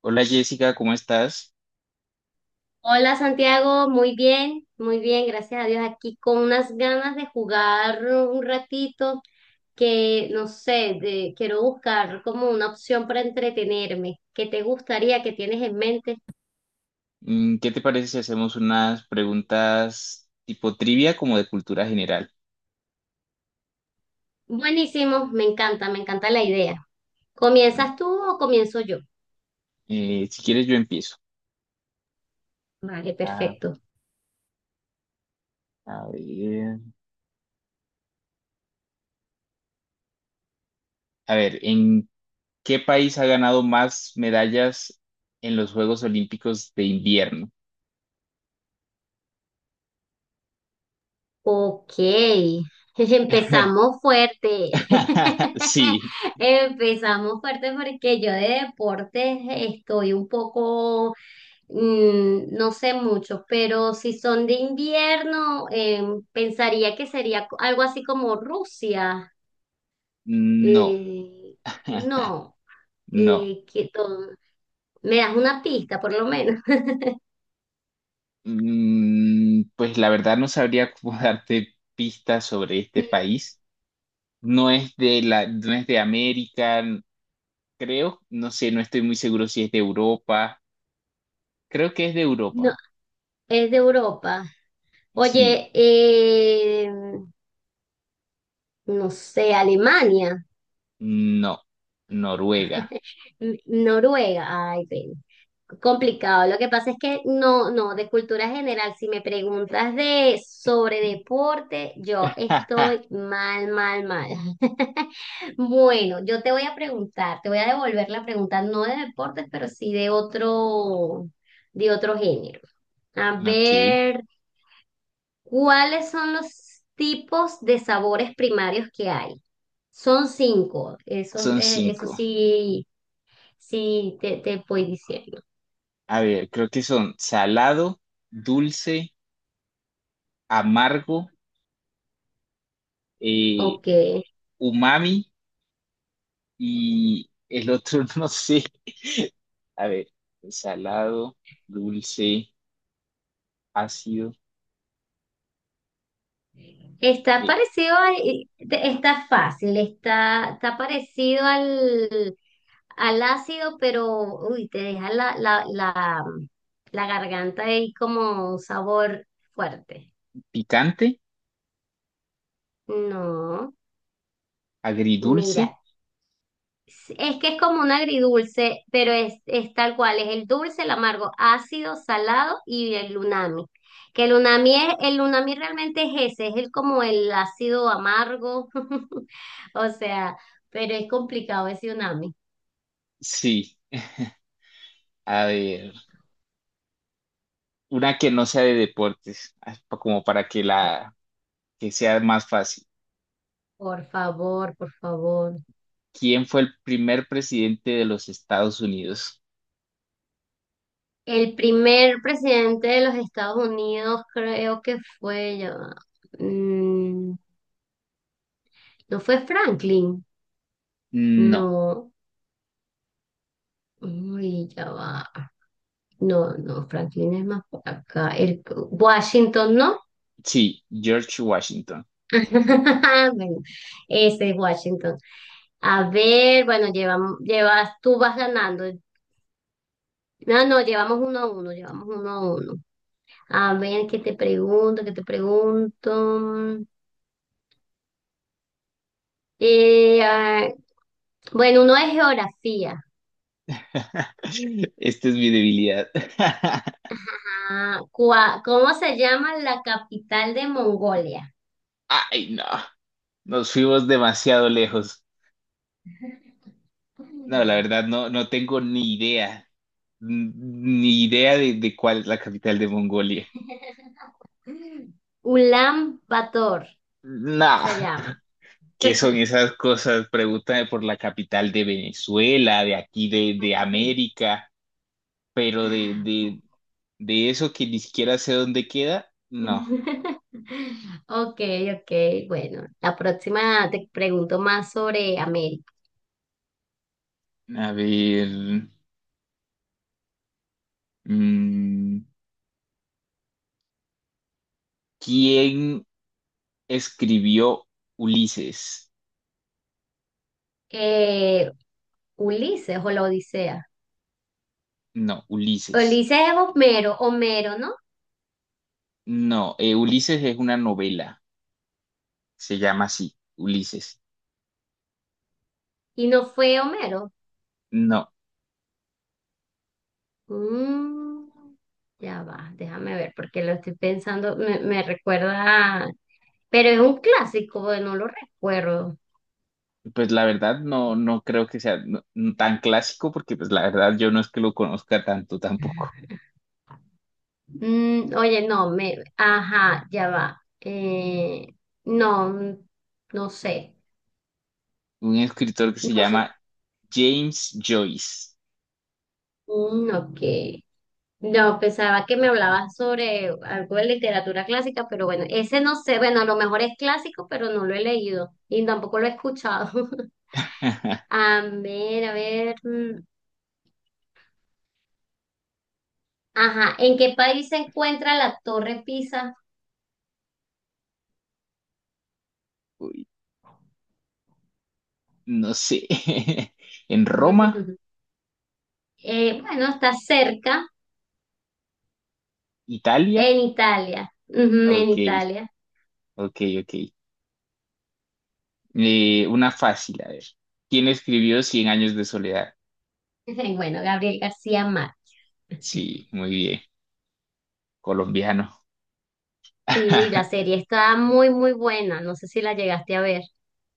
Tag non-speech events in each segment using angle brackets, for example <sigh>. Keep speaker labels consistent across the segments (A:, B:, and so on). A: Hola Jessica, ¿cómo estás?
B: Hola Santiago, muy bien, gracias a Dios. Aquí con unas ganas de jugar un ratito que no sé, quiero buscar como una opción para entretenerme. ¿Qué te gustaría? ¿Qué tienes en mente?
A: ¿Qué te parece si hacemos unas preguntas tipo trivia como de cultura general?
B: Buenísimo, me encanta la idea.
A: ¿No?
B: ¿Comienzas tú o comienzo yo?
A: Si quieres yo empiezo.
B: Vale,
A: A,
B: perfecto.
A: a ver, ¿En qué país ha ganado más medallas en los Juegos Olímpicos de invierno?
B: Ok, <laughs> empezamos fuerte.
A: <laughs>
B: <laughs>
A: Sí,
B: Empezamos fuerte porque yo de deportes estoy un poco. No sé mucho, pero si son de invierno, pensaría que sería algo así como Rusia.
A: no,
B: Eh, no,
A: <laughs> no.
B: que todo. Me das una pista, por lo menos. <laughs>
A: Pues la verdad no sabría cómo <laughs> darte pistas sobre este
B: Mm,
A: país. No es de América. Creo, no sé, no estoy muy seguro si es de Europa. Creo que es de
B: no,
A: Europa.
B: es de Europa.
A: Sí,
B: Oye, no sé, Alemania.
A: no. Noruega.
B: <laughs> Noruega, ay, pena. Complicado. Lo que pasa es que de cultura general, si me preguntas de sobre
A: <laughs>
B: deporte, yo
A: Ajá.
B: estoy mal, mal, mal. <laughs> Bueno, yo te voy a preguntar, te voy a devolver la pregunta, no de deportes, pero sí de otro género. A
A: Ok,
B: ver, ¿cuáles son los tipos de sabores primarios que hay? Son cinco. Eso,
A: son
B: eso
A: cinco.
B: sí. Sí, te voy diciendo.
A: A ver, creo que son salado, dulce, amargo, eh,
B: Ok.
A: umami y el otro <laughs> no sé. A ver, salado, dulce, ácido,
B: Está
A: eh,
B: parecido a- está fácil, está parecido al, al ácido, pero uy, te deja la garganta ahí como un sabor fuerte.
A: picante,
B: No,
A: agridulce.
B: mira. Es que es como un agridulce, pero es tal cual, es el dulce, el amargo, ácido, salado y el unami. Que el unami realmente es ese, es el como el ácido amargo, <laughs> o sea, pero es complicado ese unami.
A: Sí, a ver. Una que no sea de deportes, ah, como para que
B: Por,
A: la que sea más fácil.
B: por favor, por favor.
A: ¿Quién fue el primer presidente de los Estados Unidos?
B: El primer presidente de los Estados Unidos creo que fue, ya va, mm, no fue Franklin,
A: No.
B: no, uy, ya va. No, no, Franklin es más por acá. Washington, ¿no?
A: Sí, George Washington.
B: <laughs> Bueno, ese es Washington. A ver, bueno, tú vas ganando. No, no, llevamos uno a uno, llevamos uno a uno. A ver, ¿qué te pregunto? ¿Qué te pregunto? Eh, ah, bueno, uno es geografía.
A: <laughs> Esta es mi debilidad. <laughs>
B: Ah, ¿cómo se llama la capital de Mongolia?
A: Ay, no. Nos fuimos demasiado lejos. No, la verdad, no, no tengo ni idea. N- Ni idea de cuál es la capital de Mongolia.
B: <laughs> Ulan Bator
A: No.
B: se llama.
A: ¿Qué son esas cosas? Pregúntame por la capital de Venezuela, de aquí de
B: <laughs>
A: América, pero de eso que ni siquiera sé dónde queda, no.
B: <laughs> Ok, ok, bueno, la próxima te pregunto más sobre América.
A: A ver, mm, ¿quién escribió Ulises?
B: Eh, Ulises o la Odisea.
A: No, Ulises.
B: Ulises es Homero, Homero, ¿no?
A: No, Ulises es una novela, se llama así, Ulises.
B: Y no fue Homero.
A: No,
B: Mm, ya va, déjame ver, porque lo estoy pensando, me recuerda, pero es un clásico, bueno, no lo recuerdo.
A: pues la verdad no, no creo que sea no, tan clásico porque pues la verdad yo no es que lo conozca tanto tampoco.
B: Oye, no, me, ajá, ya va. Eh, no, no sé.
A: Un escritor que se
B: No sé.
A: llama James Joyce.
B: Mm, ok. No, pensaba que me hablabas sobre algo de literatura clásica, pero bueno, ese no sé, bueno, a lo mejor es clásico, pero no lo he leído y tampoco lo he escuchado. <laughs>
A: <laughs>
B: A ver, a ver. Ajá, ¿en qué país se encuentra la Torre Pisa?
A: Uy, no sé. <laughs> En Roma,
B: <laughs> Bueno, está cerca,
A: Italia.
B: en Italia. Ujú, en
A: Ok,
B: Italia.
A: ok, ok. Una fácil, a ver. ¿Quién escribió Cien años de soledad?
B: <laughs> Bueno, Gabriel García Márquez.
A: Sí,
B: <laughs>
A: muy bien. Colombiano.
B: Sí, la
A: <laughs>
B: serie está muy, muy buena. No sé si la llegaste a ver.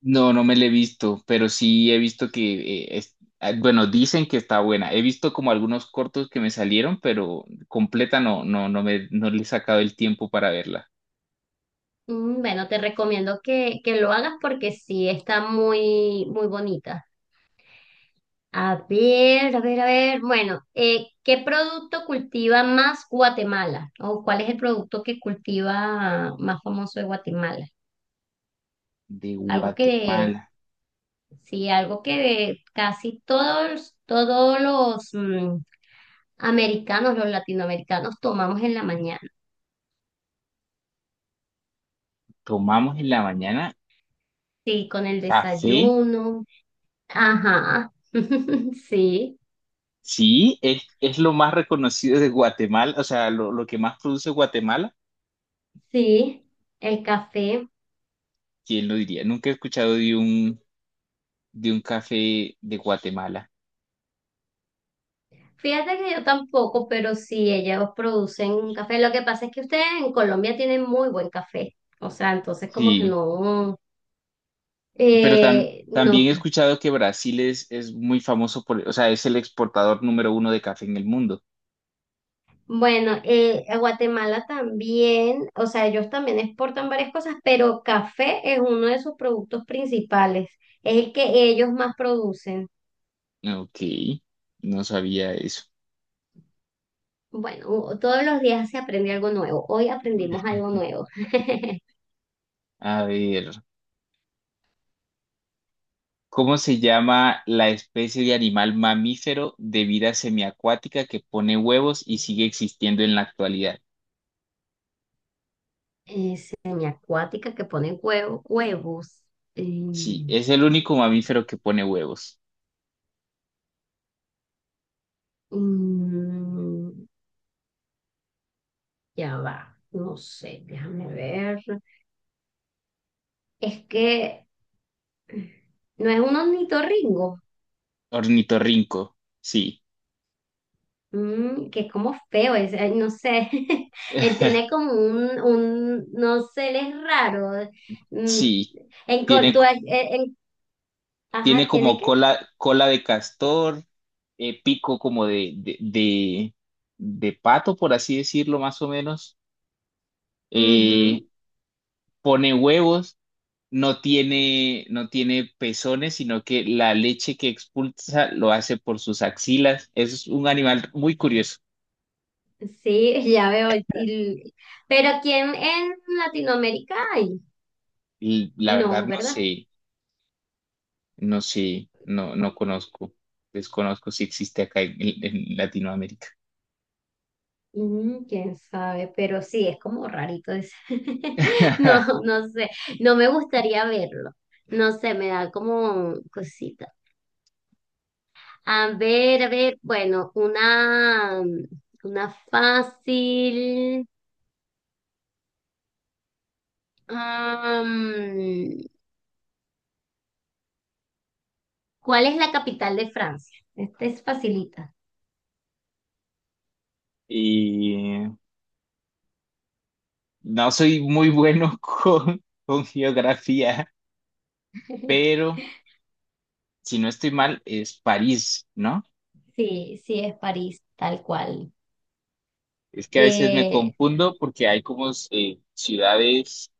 A: No, no me la he visto, pero sí he visto que, ah, bueno, dicen que está buena. He visto como algunos cortos que me salieron, pero completa no, no, no le he sacado el tiempo para verla.
B: Mm, bueno, te recomiendo que lo hagas porque sí, está muy, muy bonita. A ver, a ver, a ver. Bueno, ¿qué producto cultiva más Guatemala? ¿O cuál es el producto que cultiva más famoso de Guatemala?
A: De
B: Algo que,
A: Guatemala.
B: sí, algo que casi todos, todos los americanos, los latinoamericanos tomamos en la mañana.
A: Tomamos en la mañana
B: Sí, con el
A: café.
B: desayuno. Ajá. <laughs> Sí,
A: Sí, es lo más reconocido de Guatemala, o sea, lo que más produce Guatemala.
B: sí. El café.
A: ¿Quién lo diría? Nunca he escuchado de un café de Guatemala.
B: Fíjate que yo tampoco, pero sí, ellos producen un café. Lo que pasa es que ustedes en Colombia tienen muy buen café. O sea, entonces como que
A: Sí,
B: no,
A: pero
B: no.
A: también he escuchado que Brasil es muy famoso por, o sea, es el exportador número uno de café en el mundo.
B: Bueno, a Guatemala también, o sea, ellos también exportan varias cosas, pero café es uno de sus productos principales. Es el que ellos más producen.
A: Ok, no sabía eso.
B: Bueno, todos los días se aprende algo nuevo. Hoy aprendimos algo nuevo. <laughs>
A: A ver. ¿Cómo se llama la especie de animal mamífero de vida semiacuática que pone huevos y sigue existiendo en la actualidad?
B: Eh, semiacuática que ponen huevo, huevos. eh,
A: Sí, es el único mamífero que pone huevos.
B: Mm, ya va, no sé, déjame ver. Es que no es un ornitorrinco,
A: Ornitorrinco, sí.
B: mm, que es como feo, es, ay, no sé. <laughs> Él tiene
A: <laughs>
B: como un no sé, él es raro. Mm,
A: Sí,
B: en,
A: tiene,
B: en-
A: tiene
B: ajá, ¿tiene
A: como
B: qué?
A: cola, cola de castor, pico como de pato, por así decirlo, más o menos. Eh,
B: Ujú,
A: Pone huevos, no tiene, no tiene pezones, sino que la leche que expulsa lo hace por sus axilas. Es un animal muy curioso.
B: sí, <laughs> ya veo. Pero ¿quién en Latinoamérica hay?
A: Y la verdad
B: No,
A: no
B: ¿verdad?
A: sé, no sé, no, no conozco, desconozco si existe acá en Latinoamérica.
B: Quién sabe, pero sí, es como rarito eso. <laughs>
A: <laughs>
B: No, no sé, no me gustaría verlo. No sé, me da como cosita. A ver, bueno, una fácil. Am, ¿Cuál es la capital de Francia? Esta es facilita.
A: Y no soy muy bueno <laughs> con geografía,
B: <laughs>
A: pero si no estoy mal, es París, ¿no?
B: Sí, sí, es París, tal cual.
A: Es que a veces me
B: Eh,
A: confundo porque hay como ciudades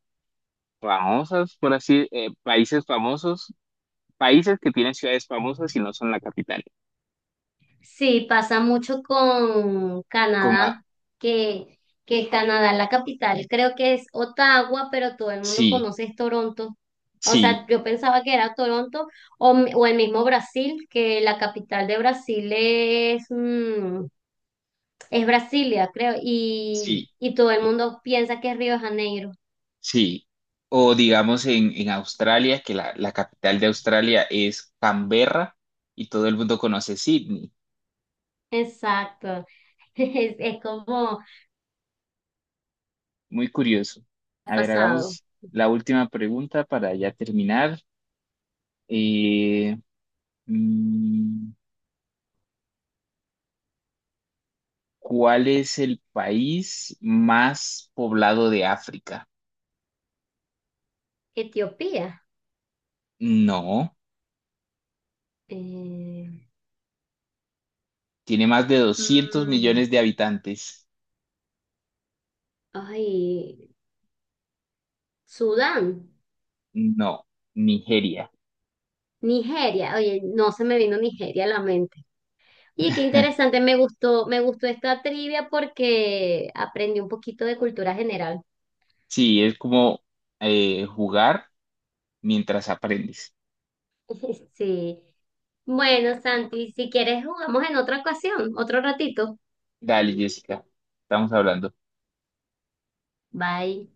A: famosas, por así, países famosos, países que tienen ciudades famosas y no son la capital.
B: Sí, pasa mucho con
A: Con A,
B: Canadá, que, que Canadá, la capital, creo que es Ottawa, pero todo el mundo
A: sí,
B: conoce es Toronto. O
A: sí,
B: sea, yo pensaba que era Toronto o, o el mismo Brasil, que la capital de Brasil es, es Brasilia, creo,
A: sí,
B: y todo el mundo piensa que es Río de Janeiro.
A: sí. O digamos en Australia, que la capital de Australia es Canberra y todo el mundo conoce Sydney.
B: Exacto, <laughs> es como
A: Muy curioso.
B: ha
A: A ver,
B: pasado.
A: hagamos la última pregunta para ya terminar. Eh, mm, ¿Cuál es el país más poblado de África?
B: Etiopía,
A: No.
B: eh,
A: Tiene más de 200
B: mm,
A: millones de habitantes.
B: ay, Sudán.
A: No, Nigeria.
B: Nigeria, oye, no se me vino Nigeria a la mente. Oye, qué interesante,
A: <laughs>
B: me gustó esta trivia porque aprendí un poquito de cultura general.
A: Sí, es como jugar mientras aprendes.
B: <laughs> Sí. Bueno, Santi, si quieres jugamos en otra ocasión, otro ratito.
A: Dale, Jessica, estamos hablando.
B: Bye.